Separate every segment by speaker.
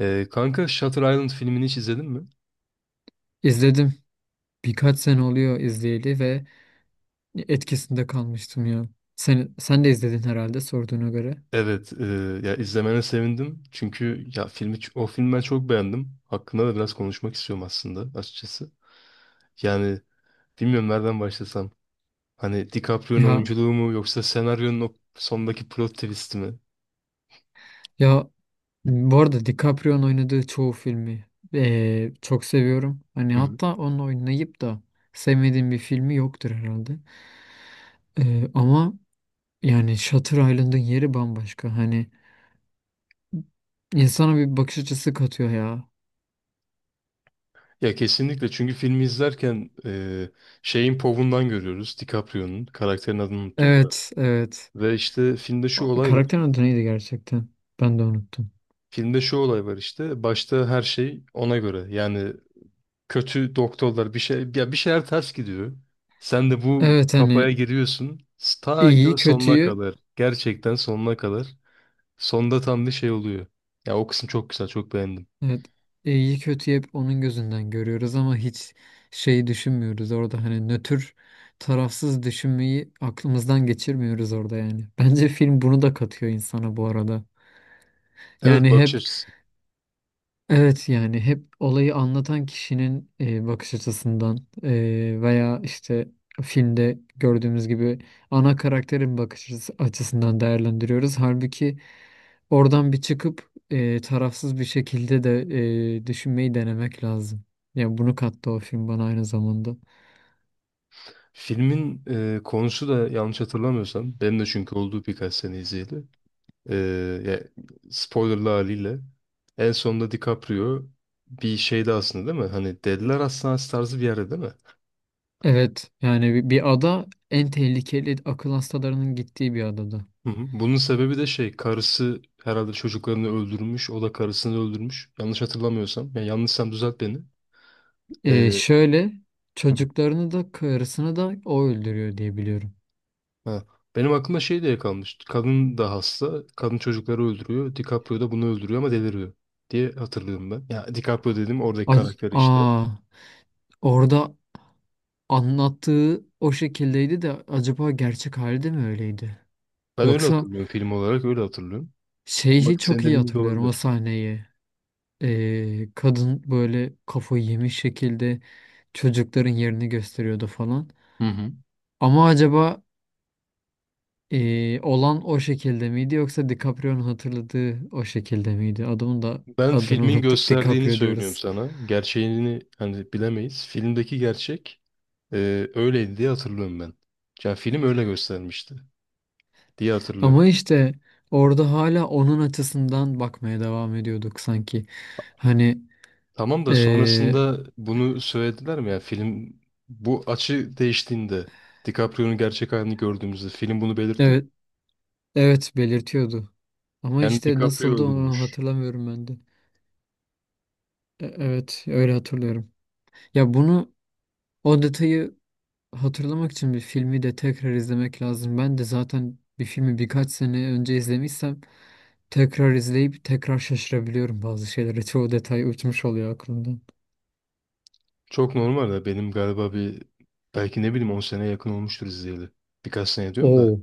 Speaker 1: Kanka Shutter Island filmini hiç izledin mi?
Speaker 2: İzledim. Birkaç sene oluyor izleyeli ve etkisinde kalmıştım ya. Sen de izledin herhalde sorduğuna göre.
Speaker 1: Evet, ya izlemene sevindim. Çünkü ya o filmi ben çok beğendim. Hakkında da biraz konuşmak istiyorum aslında açıkçası. Yani bilmiyorum nereden başlasam. Hani DiCaprio'nun
Speaker 2: Ya
Speaker 1: oyunculuğu mu yoksa senaryonun o sondaki plot twist'i mi?
Speaker 2: ya, bu arada DiCaprio'nun oynadığı çoğu filmi çok seviyorum. Hani
Speaker 1: Hı hı.
Speaker 2: hatta onun oynayıp da sevmediğim bir filmi yoktur herhalde. Ama yani Shutter Island'ın yeri bambaşka. Hani insana bir bakış açısı katıyor ya.
Speaker 1: Ya kesinlikle çünkü filmi izlerken şeyin povundan görüyoruz DiCaprio'nun karakterin adını unuttum da
Speaker 2: Evet, evet.
Speaker 1: ve işte
Speaker 2: Karakter adı neydi gerçekten? Ben de unuttum.
Speaker 1: filmde şu olay var işte başta her şey ona göre yani kötü doktorlar bir şey ya bir şeyler ters gidiyor. Sen de bu
Speaker 2: Evet,
Speaker 1: kafaya
Speaker 2: hani
Speaker 1: giriyorsun. Ta ki
Speaker 2: iyi
Speaker 1: o sonuna
Speaker 2: kötüyü.
Speaker 1: kadar. Gerçekten sonuna kadar. Sonda tam bir şey oluyor. Ya o kısım çok güzel, çok beğendim.
Speaker 2: Evet, iyi kötü hep onun gözünden görüyoruz ama hiç şeyi düşünmüyoruz orada, hani nötr, tarafsız düşünmeyi aklımızdan geçirmiyoruz orada yani. Bence film bunu da katıyor insana bu arada.
Speaker 1: Evet,
Speaker 2: Yani
Speaker 1: bakış
Speaker 2: hep.
Speaker 1: açısı.
Speaker 2: Evet, yani hep olayı anlatan kişinin bakış açısından, veya işte filmde gördüğümüz gibi ana karakterin açısından değerlendiriyoruz. Halbuki oradan bir çıkıp tarafsız bir şekilde de düşünmeyi denemek lazım. Yani bunu kattı o film bana aynı zamanda.
Speaker 1: Filmin konusu da yanlış hatırlamıyorsam benim de çünkü olduğu birkaç sene izleyeli. E, ya, spoilerlı haliyle en sonunda DiCaprio bir şeyde aslında değil mi? Hani Deliler Hastanesi tarzı bir yerde değil mi?
Speaker 2: Evet, yani bir ada, en tehlikeli akıl hastalarının gittiği bir adada.
Speaker 1: Hı hı. Bunun sebebi de şey, karısı herhalde çocuklarını öldürmüş. O da karısını öldürmüş. Yanlış hatırlamıyorsam. Yani yanlışsam düzelt beni.
Speaker 2: E,
Speaker 1: Ee,
Speaker 2: şöyle
Speaker 1: hı.
Speaker 2: çocuklarını da karısını da o öldürüyor diye biliyorum.
Speaker 1: Ha. Benim aklıma şey diye kalmış. Kadın da hasta. Kadın çocukları öldürüyor. DiCaprio da bunu öldürüyor ama deliriyor diye hatırlıyorum ben. Ya DiCaprio dedim, oradaki karakter işte.
Speaker 2: Aa, orada anlattığı o şekildeydi de acaba gerçek hali de mi öyleydi?
Speaker 1: Ben öyle
Speaker 2: Yoksa
Speaker 1: hatırlıyorum, film olarak öyle hatırlıyorum. Ama
Speaker 2: şeyi çok
Speaker 1: senin
Speaker 2: iyi
Speaker 1: dediğin gibi de
Speaker 2: hatırlıyorum,
Speaker 1: olabilir.
Speaker 2: o sahneyi. Kadın böyle kafayı yemiş şekilde çocukların yerini gösteriyordu falan.
Speaker 1: Hı hı.
Speaker 2: Ama acaba olan o şekilde miydi yoksa DiCaprio'nun hatırladığı o şekilde miydi? Adamın da
Speaker 1: Ben
Speaker 2: adını
Speaker 1: filmin
Speaker 2: unuttuk,
Speaker 1: gösterdiğini
Speaker 2: DiCaprio
Speaker 1: söylüyorum
Speaker 2: diyoruz.
Speaker 1: sana. Gerçeğini hani bilemeyiz. Filmdeki gerçek öyleydi diye hatırlıyorum ben. Yani film öyle göstermişti diye hatırlıyorum.
Speaker 2: Ama işte orada hala onun açısından bakmaya devam ediyorduk sanki. Hani
Speaker 1: Tamam da
Speaker 2: eee,
Speaker 1: sonrasında bunu söylediler mi? Yani film, bu açı değiştiğinde, DiCaprio'nun gerçek halini gördüğümüzde, film bunu belirtti mi?
Speaker 2: evet, evet belirtiyordu. Ama
Speaker 1: Yani
Speaker 2: işte
Speaker 1: DiCaprio
Speaker 2: nasıldı onu
Speaker 1: öldürmüş.
Speaker 2: hatırlamıyorum ben de. Evet, öyle hatırlıyorum. Ya bunu, o detayı hatırlamak için bir filmi de tekrar izlemek lazım. Ben de zaten bir filmi birkaç sene önce izlemişsem tekrar izleyip tekrar şaşırabiliyorum bazı şeylere. Çoğu detay uçmuş oluyor aklımdan.
Speaker 1: Çok normal de benim galiba bir, belki ne bileyim 10 sene yakın olmuştur izleyeli. Birkaç sene diyorum da
Speaker 2: Oo,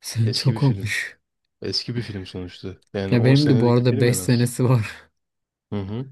Speaker 2: sen
Speaker 1: eski bir
Speaker 2: çok
Speaker 1: film.
Speaker 2: olmuş.
Speaker 1: Eski bir film sonuçta. Yani
Speaker 2: Ya
Speaker 1: 10
Speaker 2: benim de bu
Speaker 1: senelik bir
Speaker 2: arada
Speaker 1: film
Speaker 2: 5
Speaker 1: en az.
Speaker 2: senesi var.
Speaker 1: Hı hı.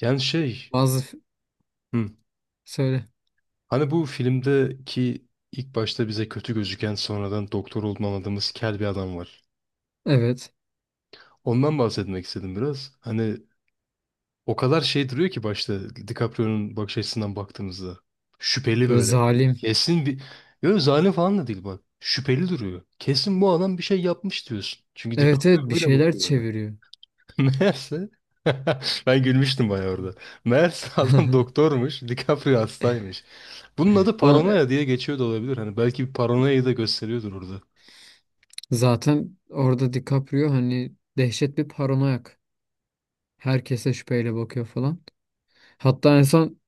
Speaker 1: Yani şey,
Speaker 2: Bazı f-
Speaker 1: hı.
Speaker 2: söyle.
Speaker 1: Hani bu filmdeki ilk başta bize kötü gözüken, sonradan doktor olduğunu anladığımız kel bir adam var.
Speaker 2: Evet.
Speaker 1: Ondan bahsetmek istedim biraz. Hani o kadar şey duruyor ki başta, DiCaprio'nun bakış açısından baktığımızda. Şüpheli
Speaker 2: Böyle
Speaker 1: böyle.
Speaker 2: zalim.
Speaker 1: Kesin bir... Yok, zalim falan da değil bak. Şüpheli duruyor. Kesin bu adam bir şey yapmış diyorsun. Çünkü
Speaker 2: Evet, evet,
Speaker 1: DiCaprio
Speaker 2: bir
Speaker 1: öyle
Speaker 2: şeyler
Speaker 1: bakıyor.
Speaker 2: çeviriyor.
Speaker 1: Meğerse ben gülmüştüm bayağı orada. Meğerse adam doktormuş, DiCaprio hastaymış. Bunun adı
Speaker 2: O
Speaker 1: paranoya diye geçiyor da olabilir. Hani belki bir paranoyayı da gösteriyordur orada.
Speaker 2: zaten orada DiCaprio hani dehşet bir paranoyak. Herkese şüpheyle bakıyor falan. Hatta insan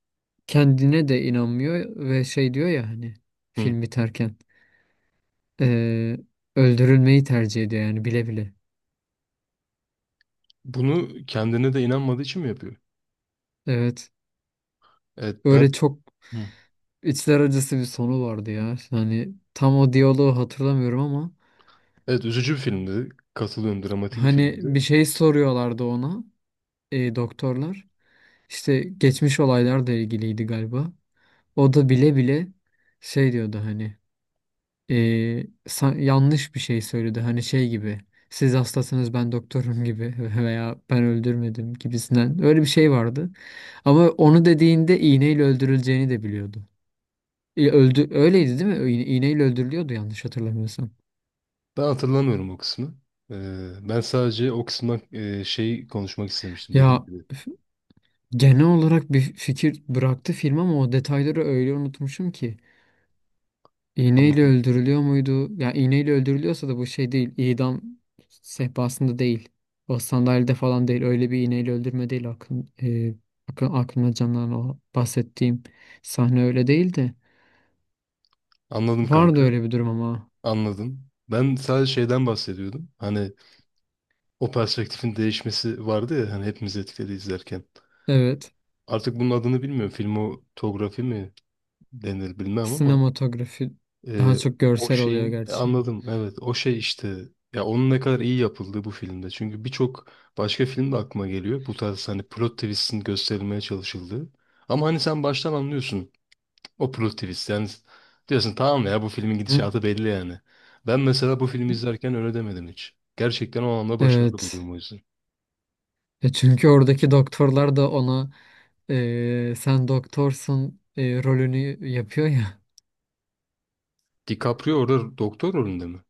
Speaker 2: kendine de inanmıyor ve şey diyor ya, hani
Speaker 1: Hı.
Speaker 2: film biterken e, öldürülmeyi tercih ediyor yani, bile bile.
Speaker 1: Bunu kendine de inanmadığı için mi yapıyor?
Speaker 2: Evet.
Speaker 1: Evet
Speaker 2: Öyle
Speaker 1: ben.
Speaker 2: çok
Speaker 1: Hı.
Speaker 2: içler acısı bir sonu vardı ya. Hani tam o diyaloğu hatırlamıyorum ama
Speaker 1: Evet, üzücü bir filmdi. Katılıyorum, dramatik bir
Speaker 2: hani
Speaker 1: filmdi.
Speaker 2: bir şey soruyorlardı ona. Doktorlar işte, geçmiş olaylarla ilgiliydi galiba. O da bile bile şey diyordu hani, e, yanlış bir şey söyledi, hani şey gibi, siz hastasınız ben doktorum gibi veya ben öldürmedim gibisinden, öyle bir şey vardı. Ama onu dediğinde iğneyle öldürüleceğini de biliyordu. E, öldü, öyleydi değil mi? İğneyle öldürülüyordu yanlış hatırlamıyorsam.
Speaker 1: Ben hatırlamıyorum o kısmı. Ben sadece o kısımdan şey konuşmak istemiştim dedim
Speaker 2: Ya
Speaker 1: gibi.
Speaker 2: f- genel olarak bir fikir bıraktı film ama o detayları öyle unutmuşum ki. İğneyle
Speaker 1: Anladım.
Speaker 2: öldürülüyor muydu? Yani iğneyle öldürülüyorsa da bu şey değil. İdam sehpasında değil. O sandalyede falan değil. Öyle bir iğneyle öldürme değil. Aklımda canlanan o bahsettiğim sahne öyle değil de.
Speaker 1: Anladım
Speaker 2: Vardı
Speaker 1: kanka.
Speaker 2: öyle bir durum ama.
Speaker 1: Anladım. Ben sadece şeyden bahsediyordum. Hani o perspektifin değişmesi vardı ya, hani hepimiz etkiledi izlerken.
Speaker 2: Evet.
Speaker 1: Artık bunun adını bilmiyorum. Filmotografi mi denir bilmem ama
Speaker 2: Sinematografi daha
Speaker 1: e,
Speaker 2: çok
Speaker 1: o
Speaker 2: görsel oluyor
Speaker 1: şeyin
Speaker 2: gerçi.
Speaker 1: anladım. Evet, o şey işte, ya onun ne kadar iyi yapıldığı bu filmde. Çünkü birçok başka film de aklıma geliyor. Bu tarz hani plot twist'in gösterilmeye çalışıldığı. Ama hani sen baştan anlıyorsun. O plot twist yani, diyorsun tamam ya bu filmin
Speaker 2: Hı?
Speaker 1: gidişatı belli yani. Ben mesela bu filmi izlerken öyle demedim hiç. Gerçekten o anlamda başarılı
Speaker 2: Evet.
Speaker 1: buluyorum o yüzden.
Speaker 2: E çünkü oradaki doktorlar da ona sen doktorsun, rolünü yapıyor ya.
Speaker 1: DiCaprio orada doktor rolünde mi?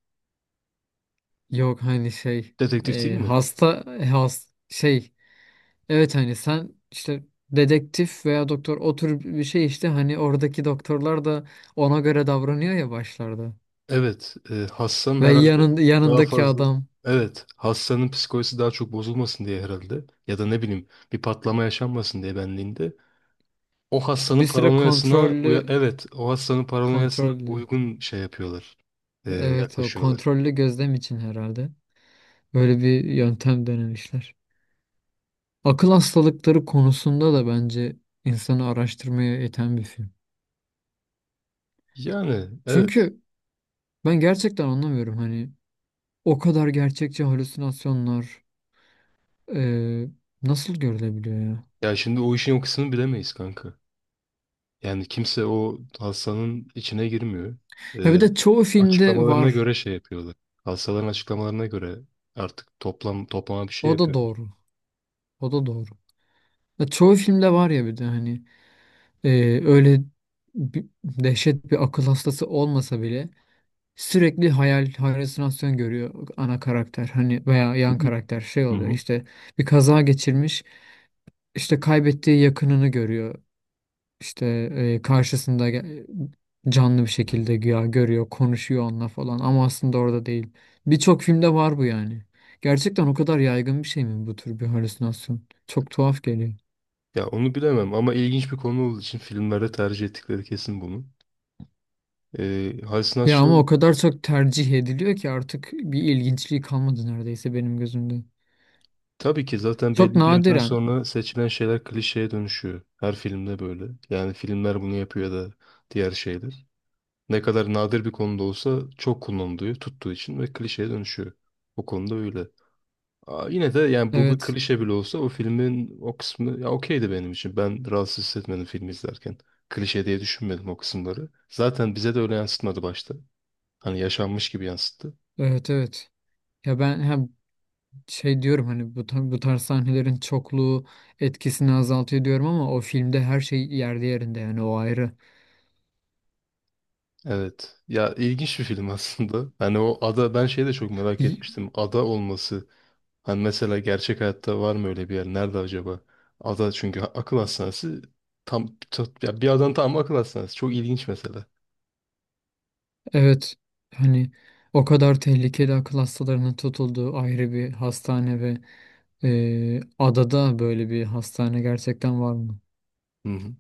Speaker 2: Yok hani şey,
Speaker 1: Detektif değil mi?
Speaker 2: hasta, e, has şey, evet hani sen işte dedektif veya doktor, o tür bir şey işte, hani oradaki doktorlar da ona göre davranıyor ya başlarda.
Speaker 1: Evet. Hassan
Speaker 2: Ve
Speaker 1: herhalde daha
Speaker 2: yanındaki
Speaker 1: fazla...
Speaker 2: adam
Speaker 1: Evet. Hassan'ın psikolojisi daha çok bozulmasın diye herhalde. Ya da ne bileyim, bir patlama yaşanmasın diye benliğinde. O
Speaker 2: işte
Speaker 1: Hassan'ın
Speaker 2: bir süre
Speaker 1: paranoyasına... Evet. O Hassan'ın paranoyasına
Speaker 2: kontrollü,
Speaker 1: uygun şey yapıyorlar.
Speaker 2: evet o
Speaker 1: Yaklaşıyorlar.
Speaker 2: kontrollü gözlem için herhalde böyle bir yöntem denemişler. Akıl hastalıkları konusunda da bence insanı araştırmaya iten bir film.
Speaker 1: Yani evet.
Speaker 2: Çünkü ben gerçekten anlamıyorum, hani o kadar gerçekçi halüsinasyonlar eee, nasıl görülebiliyor ya?
Speaker 1: Ya şimdi o işin o kısmını bilemeyiz kanka. Yani kimse o hastanın içine girmiyor.
Speaker 2: Ya bir
Speaker 1: Ee,
Speaker 2: de çoğu filmde
Speaker 1: açıklamalarına
Speaker 2: var.
Speaker 1: göre şey yapıyorlar. Hastaların açıklamalarına göre artık toplam toplama bir şey
Speaker 2: O da
Speaker 1: yapıyorlar.
Speaker 2: doğru. O da doğru. Ya çoğu filmde var ya, bir de hani öyle dehşet bir akıl hastası olmasa bile sürekli hayal, halüsinasyon görüyor ana karakter, hani veya yan karakter şey
Speaker 1: Hı
Speaker 2: oluyor
Speaker 1: hı.
Speaker 2: işte, bir kaza geçirmiş işte, kaybettiği yakınını görüyor. İşte karşısında canlı bir şekilde güya görüyor, konuşuyor onunla falan ama aslında orada değil. Birçok filmde var bu yani. Gerçekten o kadar yaygın bir şey mi bu tür bir halüsinasyon? Çok tuhaf geliyor.
Speaker 1: Ya onu bilemem ama ilginç bir konu olduğu için filmlerde tercih ettikleri kesin bunu.
Speaker 2: Ya ama o
Speaker 1: Halüsinasyon
Speaker 2: kadar çok tercih ediliyor ki artık bir ilginçliği kalmadı neredeyse benim gözümde.
Speaker 1: tabii ki, zaten
Speaker 2: Çok
Speaker 1: belli bir yerden
Speaker 2: nadiren.
Speaker 1: sonra seçilen şeyler klişeye dönüşüyor. Her filmde böyle. Yani filmler bunu yapıyor ya da diğer şeyler. Ne kadar nadir bir konuda olsa çok kullanılıyor, tuttuğu için, ve klişeye dönüşüyor. O konuda öyle. Aa, yine de yani bu bir
Speaker 2: Evet.
Speaker 1: klişe bile olsa o filmin o kısmı ya okeydi benim için. Ben rahatsız hissetmedim filmi izlerken. Klişe diye düşünmedim o kısımları. Zaten bize de öyle yansıtmadı başta. Hani yaşanmış gibi yansıttı.
Speaker 2: Evet, evet. Ya ben hem şey diyorum, hani bu tarz sahnelerin çokluğu etkisini azaltıyor diyorum ama o filmde her şey yerli yerinde, yani o ayrı.
Speaker 1: Evet. Ya ilginç bir film aslında. Hani o ada, ben şeyi de çok merak etmiştim. Ada olması. Hani mesela gerçek hayatta var mı öyle bir yer? Nerede acaba? Ada çünkü akıl hastanesi tam ya bir adam tam akıl hastanesi. Çok ilginç mesela.
Speaker 2: Evet, hani o kadar tehlikeli akıl hastalarının tutulduğu ayrı bir hastane ve adada böyle bir hastane gerçekten var mı
Speaker 1: Hı hı.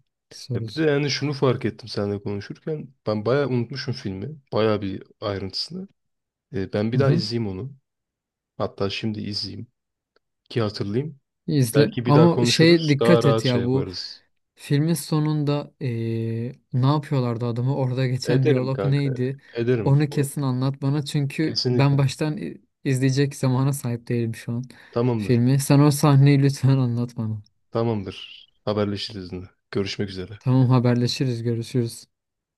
Speaker 1: Ya bir de
Speaker 2: sorusu.
Speaker 1: yani şunu fark ettim seninle konuşurken. Ben bayağı unutmuşum filmi. Bayağı bir ayrıntısını. Ben bir
Speaker 2: Hı
Speaker 1: daha
Speaker 2: hı.
Speaker 1: izleyeyim onu. Hatta şimdi izleyeyim ki hatırlayayım.
Speaker 2: İzle
Speaker 1: Belki bir daha
Speaker 2: ama şey
Speaker 1: konuşuruz. Daha
Speaker 2: dikkat
Speaker 1: rahat
Speaker 2: et
Speaker 1: şey
Speaker 2: ya, bu
Speaker 1: yaparız.
Speaker 2: filmin sonunda ne yapıyorlardı adamı, orada geçen
Speaker 1: Ederim
Speaker 2: diyalog
Speaker 1: kanka.
Speaker 2: neydi?
Speaker 1: Ederim.
Speaker 2: Onu
Speaker 1: O-
Speaker 2: kesin anlat bana çünkü ben
Speaker 1: Kesinlikle.
Speaker 2: baştan izleyecek zamana sahip değilim şu an
Speaker 1: Tamamdır.
Speaker 2: filmi. Sen o sahneyi lütfen anlat bana.
Speaker 1: Tamamdır. Haberleşiriz yine. Görüşmek üzere.
Speaker 2: Tamam, haberleşiriz, görüşürüz.